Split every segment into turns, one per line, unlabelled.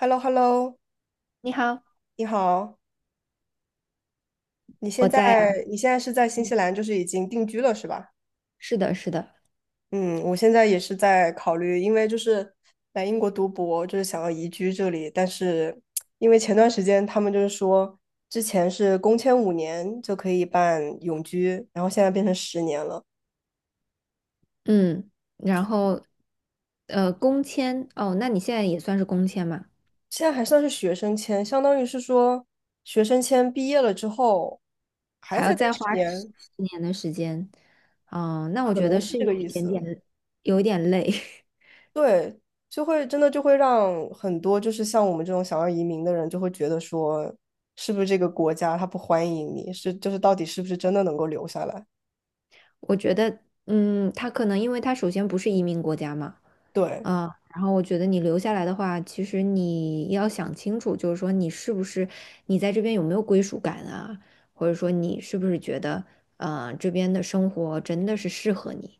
h e l l o h e l l o
你好，
你好，你现
我
在
在呀。
你现在是在新西
嗯，
兰，就是已经定居了是吧？
是的，是的。
嗯，我现在也是在考虑，因为就是来英国读博，就是想要移居这里，但是因为前段时间他们就是说，之前是工签五年就可以办永居，然后现在变成十年了，
嗯，然后，工签。哦，那你现在也算是工签嘛？
现在还算是学生签，相当于是说学生签毕业了之后还要
还要
再待
再
十
花十
年，
十年的时间。嗯，那我
可
觉
能
得
是
是
这
有
个意
一点
思。
点，有一点累。
对，就会真的让很多就是像我们这种想要移民的人，就会觉得说，是不是这个国家他不欢迎你，到底是不是真的能够留下来？
我觉得，他可能因为他首先不是移民国家嘛。
对
啊，然后我觉得你留下来的话，其实你要想清楚。就是说你是不是你在这边有没有归属感啊，或者说你是不是觉得，这边的生活真的是适合你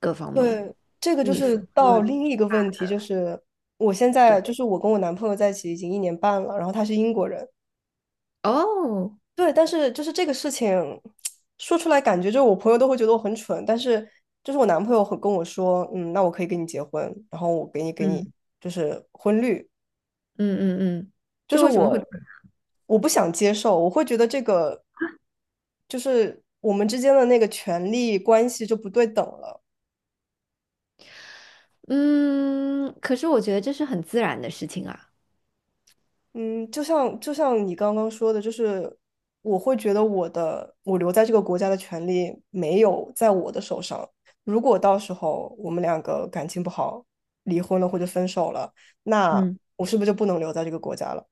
各方面。
对，这个就是
除
到
了。
另一个问题，就是我现在就
对，
是我跟我男朋友在一起已经一年半了，然后他是英国人，
哦，
对，但是就是这个事情说出来，感觉就是我朋友都会觉得我很蠢，但是就是我男朋友很跟我说，嗯，那我可以跟你结婚，然后我给你
嗯，
就是婚绿。
嗯嗯嗯。
就
就
是
为什么
我
会？
我不想接受，我会觉得这个就是我们之间的那个权利关系就不对等了。
嗯，可是我觉得这是很自然的事情啊。
嗯，就像你刚刚说的，就是我会觉得我留在这个国家的权利没有在我的手上。如果到时候我们两个感情不好，离婚了或者分手了，那
嗯。
我是不是就不能留在这个国家了？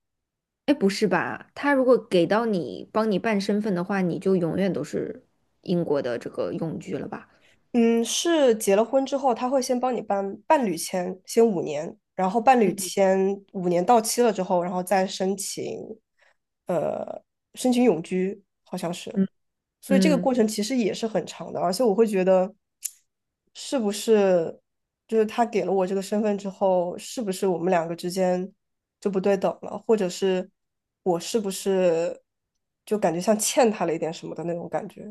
哎，不是吧？他如果给到你帮你办身份的话，你就永远都是英国的这个永居了吧？
嗯，是结了婚之后，他会先帮你办伴侣签，先五年，然后伴侣
嗯
签五年到期了之后，然后再申请，呃，申请永居，好像是。
嗯
所以这个
嗯。
过程其实也是很长的，而且我会觉得，是不是就是他给了我这个身份之后，是不是我们两个之间就不对等了，或者是我是不是就感觉像欠他了一点什么的那种感觉？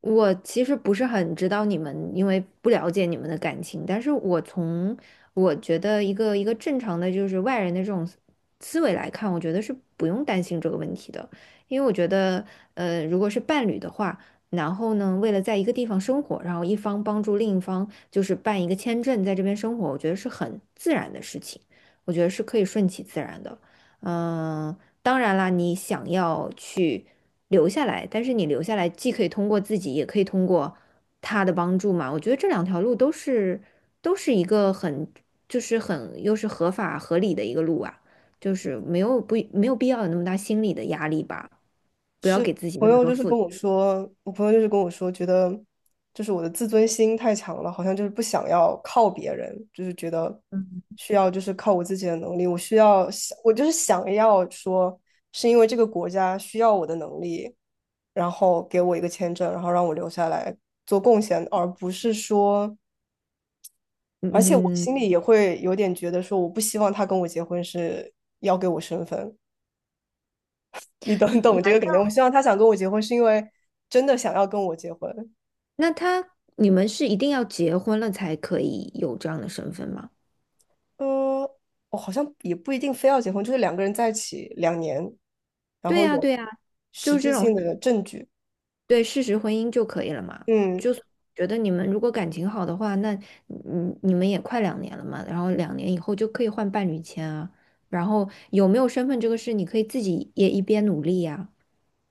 我其实不是很知道你们，因为不了解你们的感情，但是我觉得一个正常的就是外人的这种思维来看，我觉得是不用担心这个问题的。因为我觉得，如果是伴侣的话，然后呢，为了在一个地方生活，然后一方帮助另一方就是办一个签证，在这边生活，我觉得是很自然的事情。我觉得是可以顺其自然的。嗯、当然啦，你想要去留下来，但是你留下来既可以通过自己，也可以通过他的帮助嘛。我觉得这两条路都是一个很就是很又是合法合理的一个路啊，就是没有必要有那么大心理的压力吧，不要
是
给自己
朋
那么
友
多
就是
负
跟
担。
我说，我朋友就是跟我说，觉得就是我的自尊心太强了，好像就是不想要靠别人，就是觉得需要就是靠我自己的能力，我需要想，我就是想要说，是因为这个国家需要我的能力，然后给我一个签证，然后让我留下来做贡献，而不是说，而且我
嗯嗯，
心里也会有点觉得说，我不希望他跟我结婚是要给我身份。你懂懂这个感觉。我希望他想跟我结婚，是因为真的想要跟我结婚。
那你们是一定要结婚了才可以有这样的身份吗？
嗯，我好像也不一定非要结婚，就是两个人在一起两年，然
对
后
呀
有
对呀，
实
就是
质
这
性
种
的证据。
对事实婚姻就可以了嘛。
嗯，
就是觉得你们如果感情好的话，那你们也快两年了嘛，然后两年以后就可以换伴侣签啊。然后有没有身份这个事，你可以自己也一边努力呀，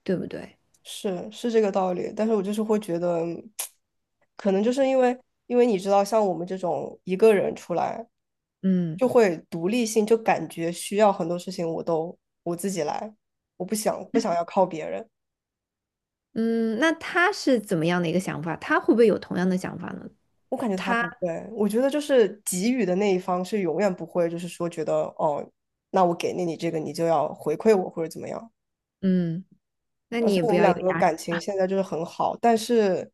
对不对？
是是这个道理。但是我就是会觉得，可能就是因为你知道，像我们这种一个人出来，
嗯
就会独立性，就感觉需要很多事情我自己来，我不想要靠别人。
嗯，那他是怎么样的一个想法？他会不会有同样的想法呢？
我感觉他
他
不会，我觉得就是给予的那一方是永远不会，就是说觉得哦，那我给了你这个，你就要回馈我或者怎么样。
嗯，那
而
你
且
也
我
不
们
要有
两个
压力。
感情现在就是很好，但是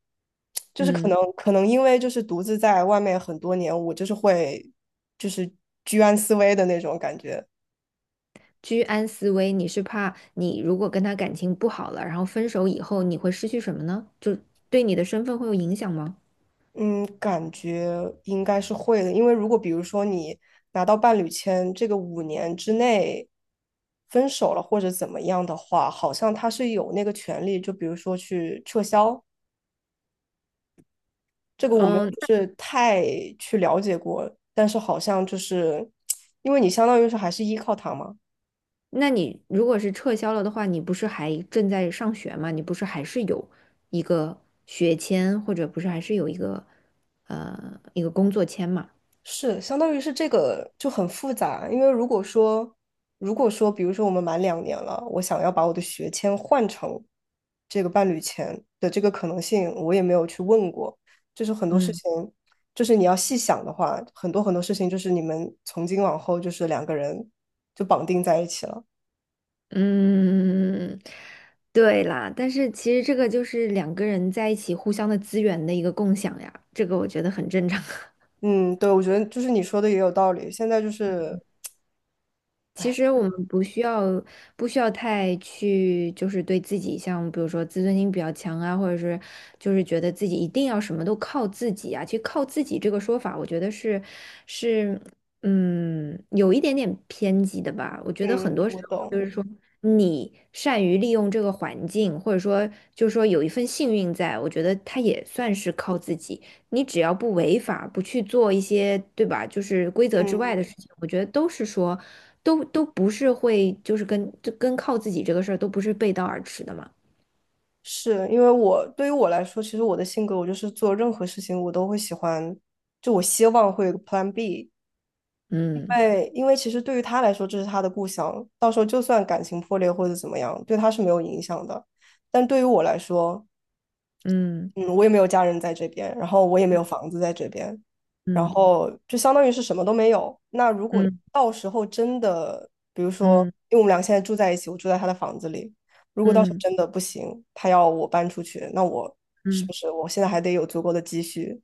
就是可
嗯，
能可能因为就是独自在外面很多年，我就是会就是居安思危的那种感觉。
居安思危，你是怕你如果跟他感情不好了，然后分手以后你会失去什么呢？就对你的身份会有影响吗？
嗯，感觉应该是会的，因为如果比如说你拿到伴侣签，这个5年之内分手了或者怎么样的话，好像他是有那个权利，就比如说去撤销。这个我没有
嗯，
就是太去了解过，但是好像就是因为你相当于是还是依靠他嘛，
那你如果是撤销了的话，你不是还正在上学吗？你不是还是有一个学签，或者不是还是有一个工作签嘛？
是，相当于是这个就很复杂，因为如果说，比如说我们满两年了，我想要把我的学签换成这个伴侣签的这个可能性，我也没有去问过。就是很多事
嗯，
情，就是你要细想的话，很多很多事情就是你们从今往后就是两个人就绑定在一起了。
嗯，对啦，但是其实这个就是两个人在一起互相的资源的一个共享呀，这个我觉得很正常。
嗯，对，我觉得就是你说的也有道理。现在就是，
其实我们不需要太去，就是对自己像比如说自尊心比较强啊，或者是就是觉得自己一定要什么都靠自己啊。其实靠自己这个说法，我觉得是有一点点偏激的吧。我觉得
嗯，
很多时
我
候就
懂，
是说你善于利用这个环境，或者说就是说有一份幸运在，我觉得他也算是靠自己。你只要不违法，不去做一些，对吧？就是规则之外
嗯。
的事情，我觉得都是说，都不是会，就是跟就跟靠自己这个事儿都不是背道而驰的嘛。
是因为我对于我来说，其实我的性格，我就是做任何事情我都会喜欢，就我希望会有个 Plan B。因
嗯
为因为其实对于他来说，这是他的故乡，到时候就算感情破裂或者怎么样，对他是没有影响的。但对于我来说，
嗯
嗯，我也没有家人在这边，然后我也没有房子在这边，然
嗯
后就相当于是什么都没有。那如果
嗯
到时候真的，比如说，
嗯
因为我们俩现在住在一起，我住在他的房子里，如果到时候
嗯
真的不行，他要我搬出去，那我是
嗯，
不是我现在还得有足够的积蓄，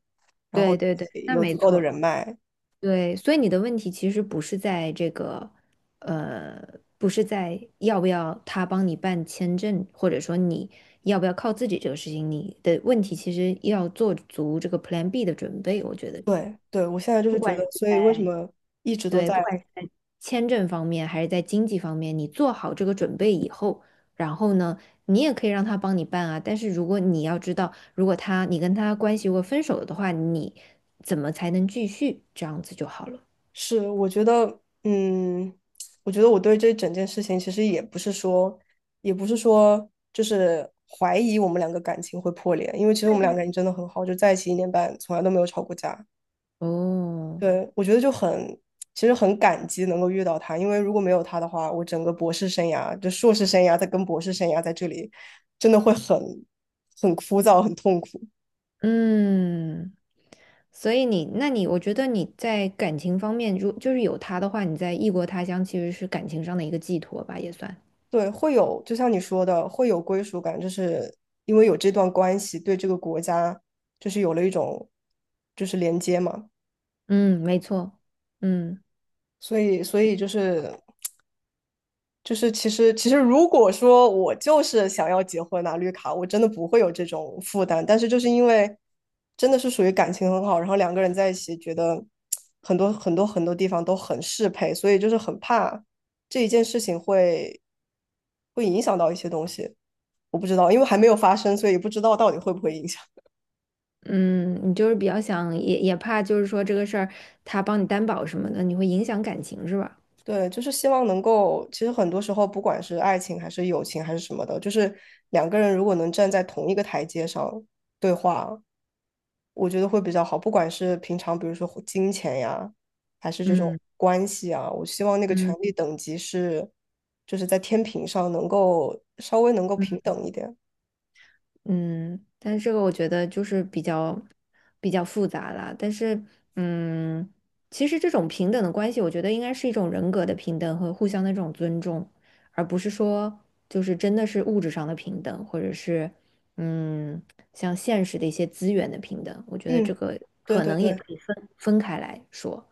然后
对对对，那
有足
没
够的
错，
人脉？
对。所以你的问题其实不是在这个，呃，不是在要不要他帮你办签证，或者说你要不要靠自己这个事情，你的问题其实要做足这个 Plan B 的准备，我觉得。
对，对，我现在就是
不
觉
管
得，
是
所以为什
在
么一直都
对，
在。
不管是在签证方面还是在经济方面，你做好这个准备以后，然后呢，你也可以让他帮你办啊。但是如果你要知道，如果你跟他关系如果分手了的话，你怎么才能继续？这样子就好了。
是，我觉得，嗯，我觉得我对这整件事情其实也不是说，也不是说就是怀疑我们两个感情会破裂，因为其实我
对
们两个
对
感情真的很好，就在一起一年半，从来都没有吵过架。
哦，
对，我觉得就很，其实很感激能够遇到他，因为如果没有他的话，我整个博士生涯，就硕士生涯，再跟博士生涯在这里，真的会很枯燥，很痛苦。
嗯，所以你，那你，我觉得你在感情方面，如就是有他的话，你在异国他乡其实是感情上的一个寄托吧，也算。
对，会有，就像你说的，会有归属感，就是因为有这段关系，对这个国家就是有了一种就是连接嘛，
嗯，没错。嗯。
所以就是其实如果说我就是想要结婚拿绿卡，我真的不会有这种负担，但是就是因为真的是属于感情很好，然后两个人在一起觉得很多很多很多地方都很适配，所以就是很怕这一件事情会影响到一些东西。我不知道，因为还没有发生，所以不知道到底会不会影响。
嗯，你就是比较想，也怕就是说这个事儿他帮你担保什么的，你会影响感情是吧？
对，就是希望能够，其实很多时候，不管是爱情还是友情还是什么的，就是两个人如果能站在同一个台阶上对话，我觉得会比较好。不管是平常，比如说金钱呀，还是这种
嗯
关系啊，我希望那个权
嗯
力等级是，就是在天平上稍微能够平等一点。
嗯，但是这个我觉得就是比较复杂啦。但是，嗯，其实这种平等的关系，我觉得应该是一种人格的平等和互相的这种尊重，而不是说就是真的是物质上的平等，或者是嗯，像现实的一些资源的平等。我觉得这
嗯，
个
对
可
对
能也
对，
可以分开来说，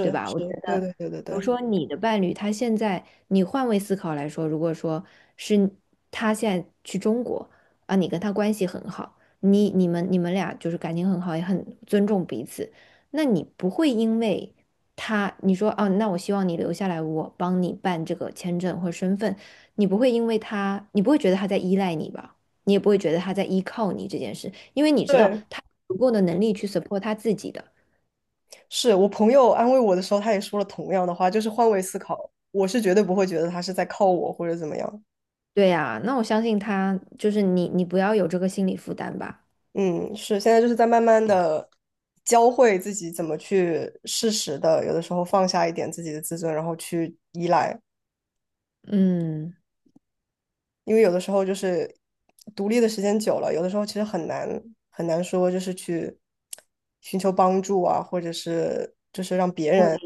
对吧？
是，
我觉得，
对
比
对对对
如
对
说你的伴侣，他现在你换位思考来说，如果说是他现在去中国。啊，你跟他关系很好，你们俩就是感情很好，也很尊重彼此，那你不会因为他你说哦，那我希望你留下来，我帮你办这个签证或身份，你不会觉得他在依赖你吧？你也不会觉得他在依靠你这件事，因为你知道
对。
他有足够的能力去 support 他自己的。
是我朋友安慰我的时候，他也说了同样的话，就是换位思考，我是绝对不会觉得他是在靠我或者怎么样。
对呀，那我相信他，就是你不要有这个心理负担吧。
嗯，是现在就是在慢慢的教会自己怎么去适时的，有的时候放下一点自己的自尊，然后去依赖，
嗯，
因为有的时候就是独立的时间久了，有的时候其实很难很难说就是去寻求帮助啊，或者是就是让别
我
人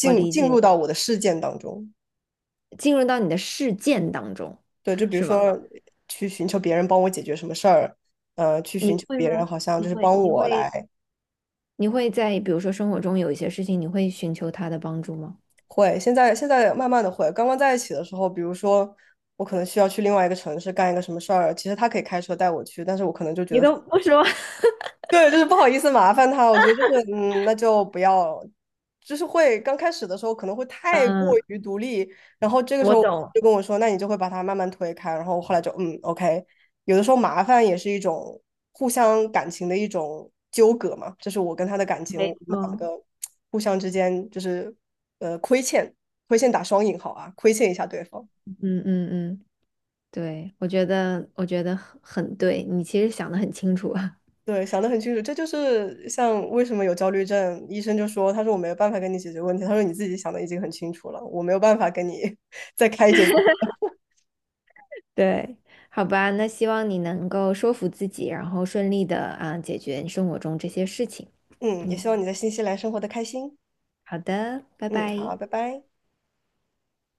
我理
进入
解，
到我的事件当中。
进入到你的事件当中，
对，就 比如
是吗？
说去寻求别人帮我解决什么事儿，去寻
你
求
会
别人
吗？
好像
你
就是
会，
帮
你
我
会，
来
你会在比如说生活中有一些事情，你会寻求他的帮助吗？
会。现在慢慢的会，刚刚在一起的时候，比如说我可能需要去另外一个城市干一个什么事儿，其实他可以开车带我去，但是我可能就觉
你
得
都不说，
对，就是不好意思麻烦他，我觉得就是嗯，那就不要，就是会刚开始的时候可能会太过
嗯，
于独立，然后这个时
我
候
懂，
就跟我说，那你就会把他慢慢推开，然后后来就嗯，OK，有的时候麻烦也是一种互相感情的一种纠葛嘛，这是我跟他的感情，
没
我们两
错，
个互相之间就是亏欠，亏欠打双引号啊，亏欠一下对方。
嗯嗯嗯，对，我觉得很对，你其实想的很清楚啊，
对，想得很清楚，这就是像为什么有焦虑症，医生就说，他说我没有办法跟你解决问题，他说你自己想的已经很清楚了，我没有办法跟你 再开解你。
对，好吧，那希望你能够说服自己，然后顺利的啊解决你生活中这些事情，
嗯，也
嗯，
希望你在新西兰生活的开心。
好的，拜
嗯，
拜。
好，拜拜。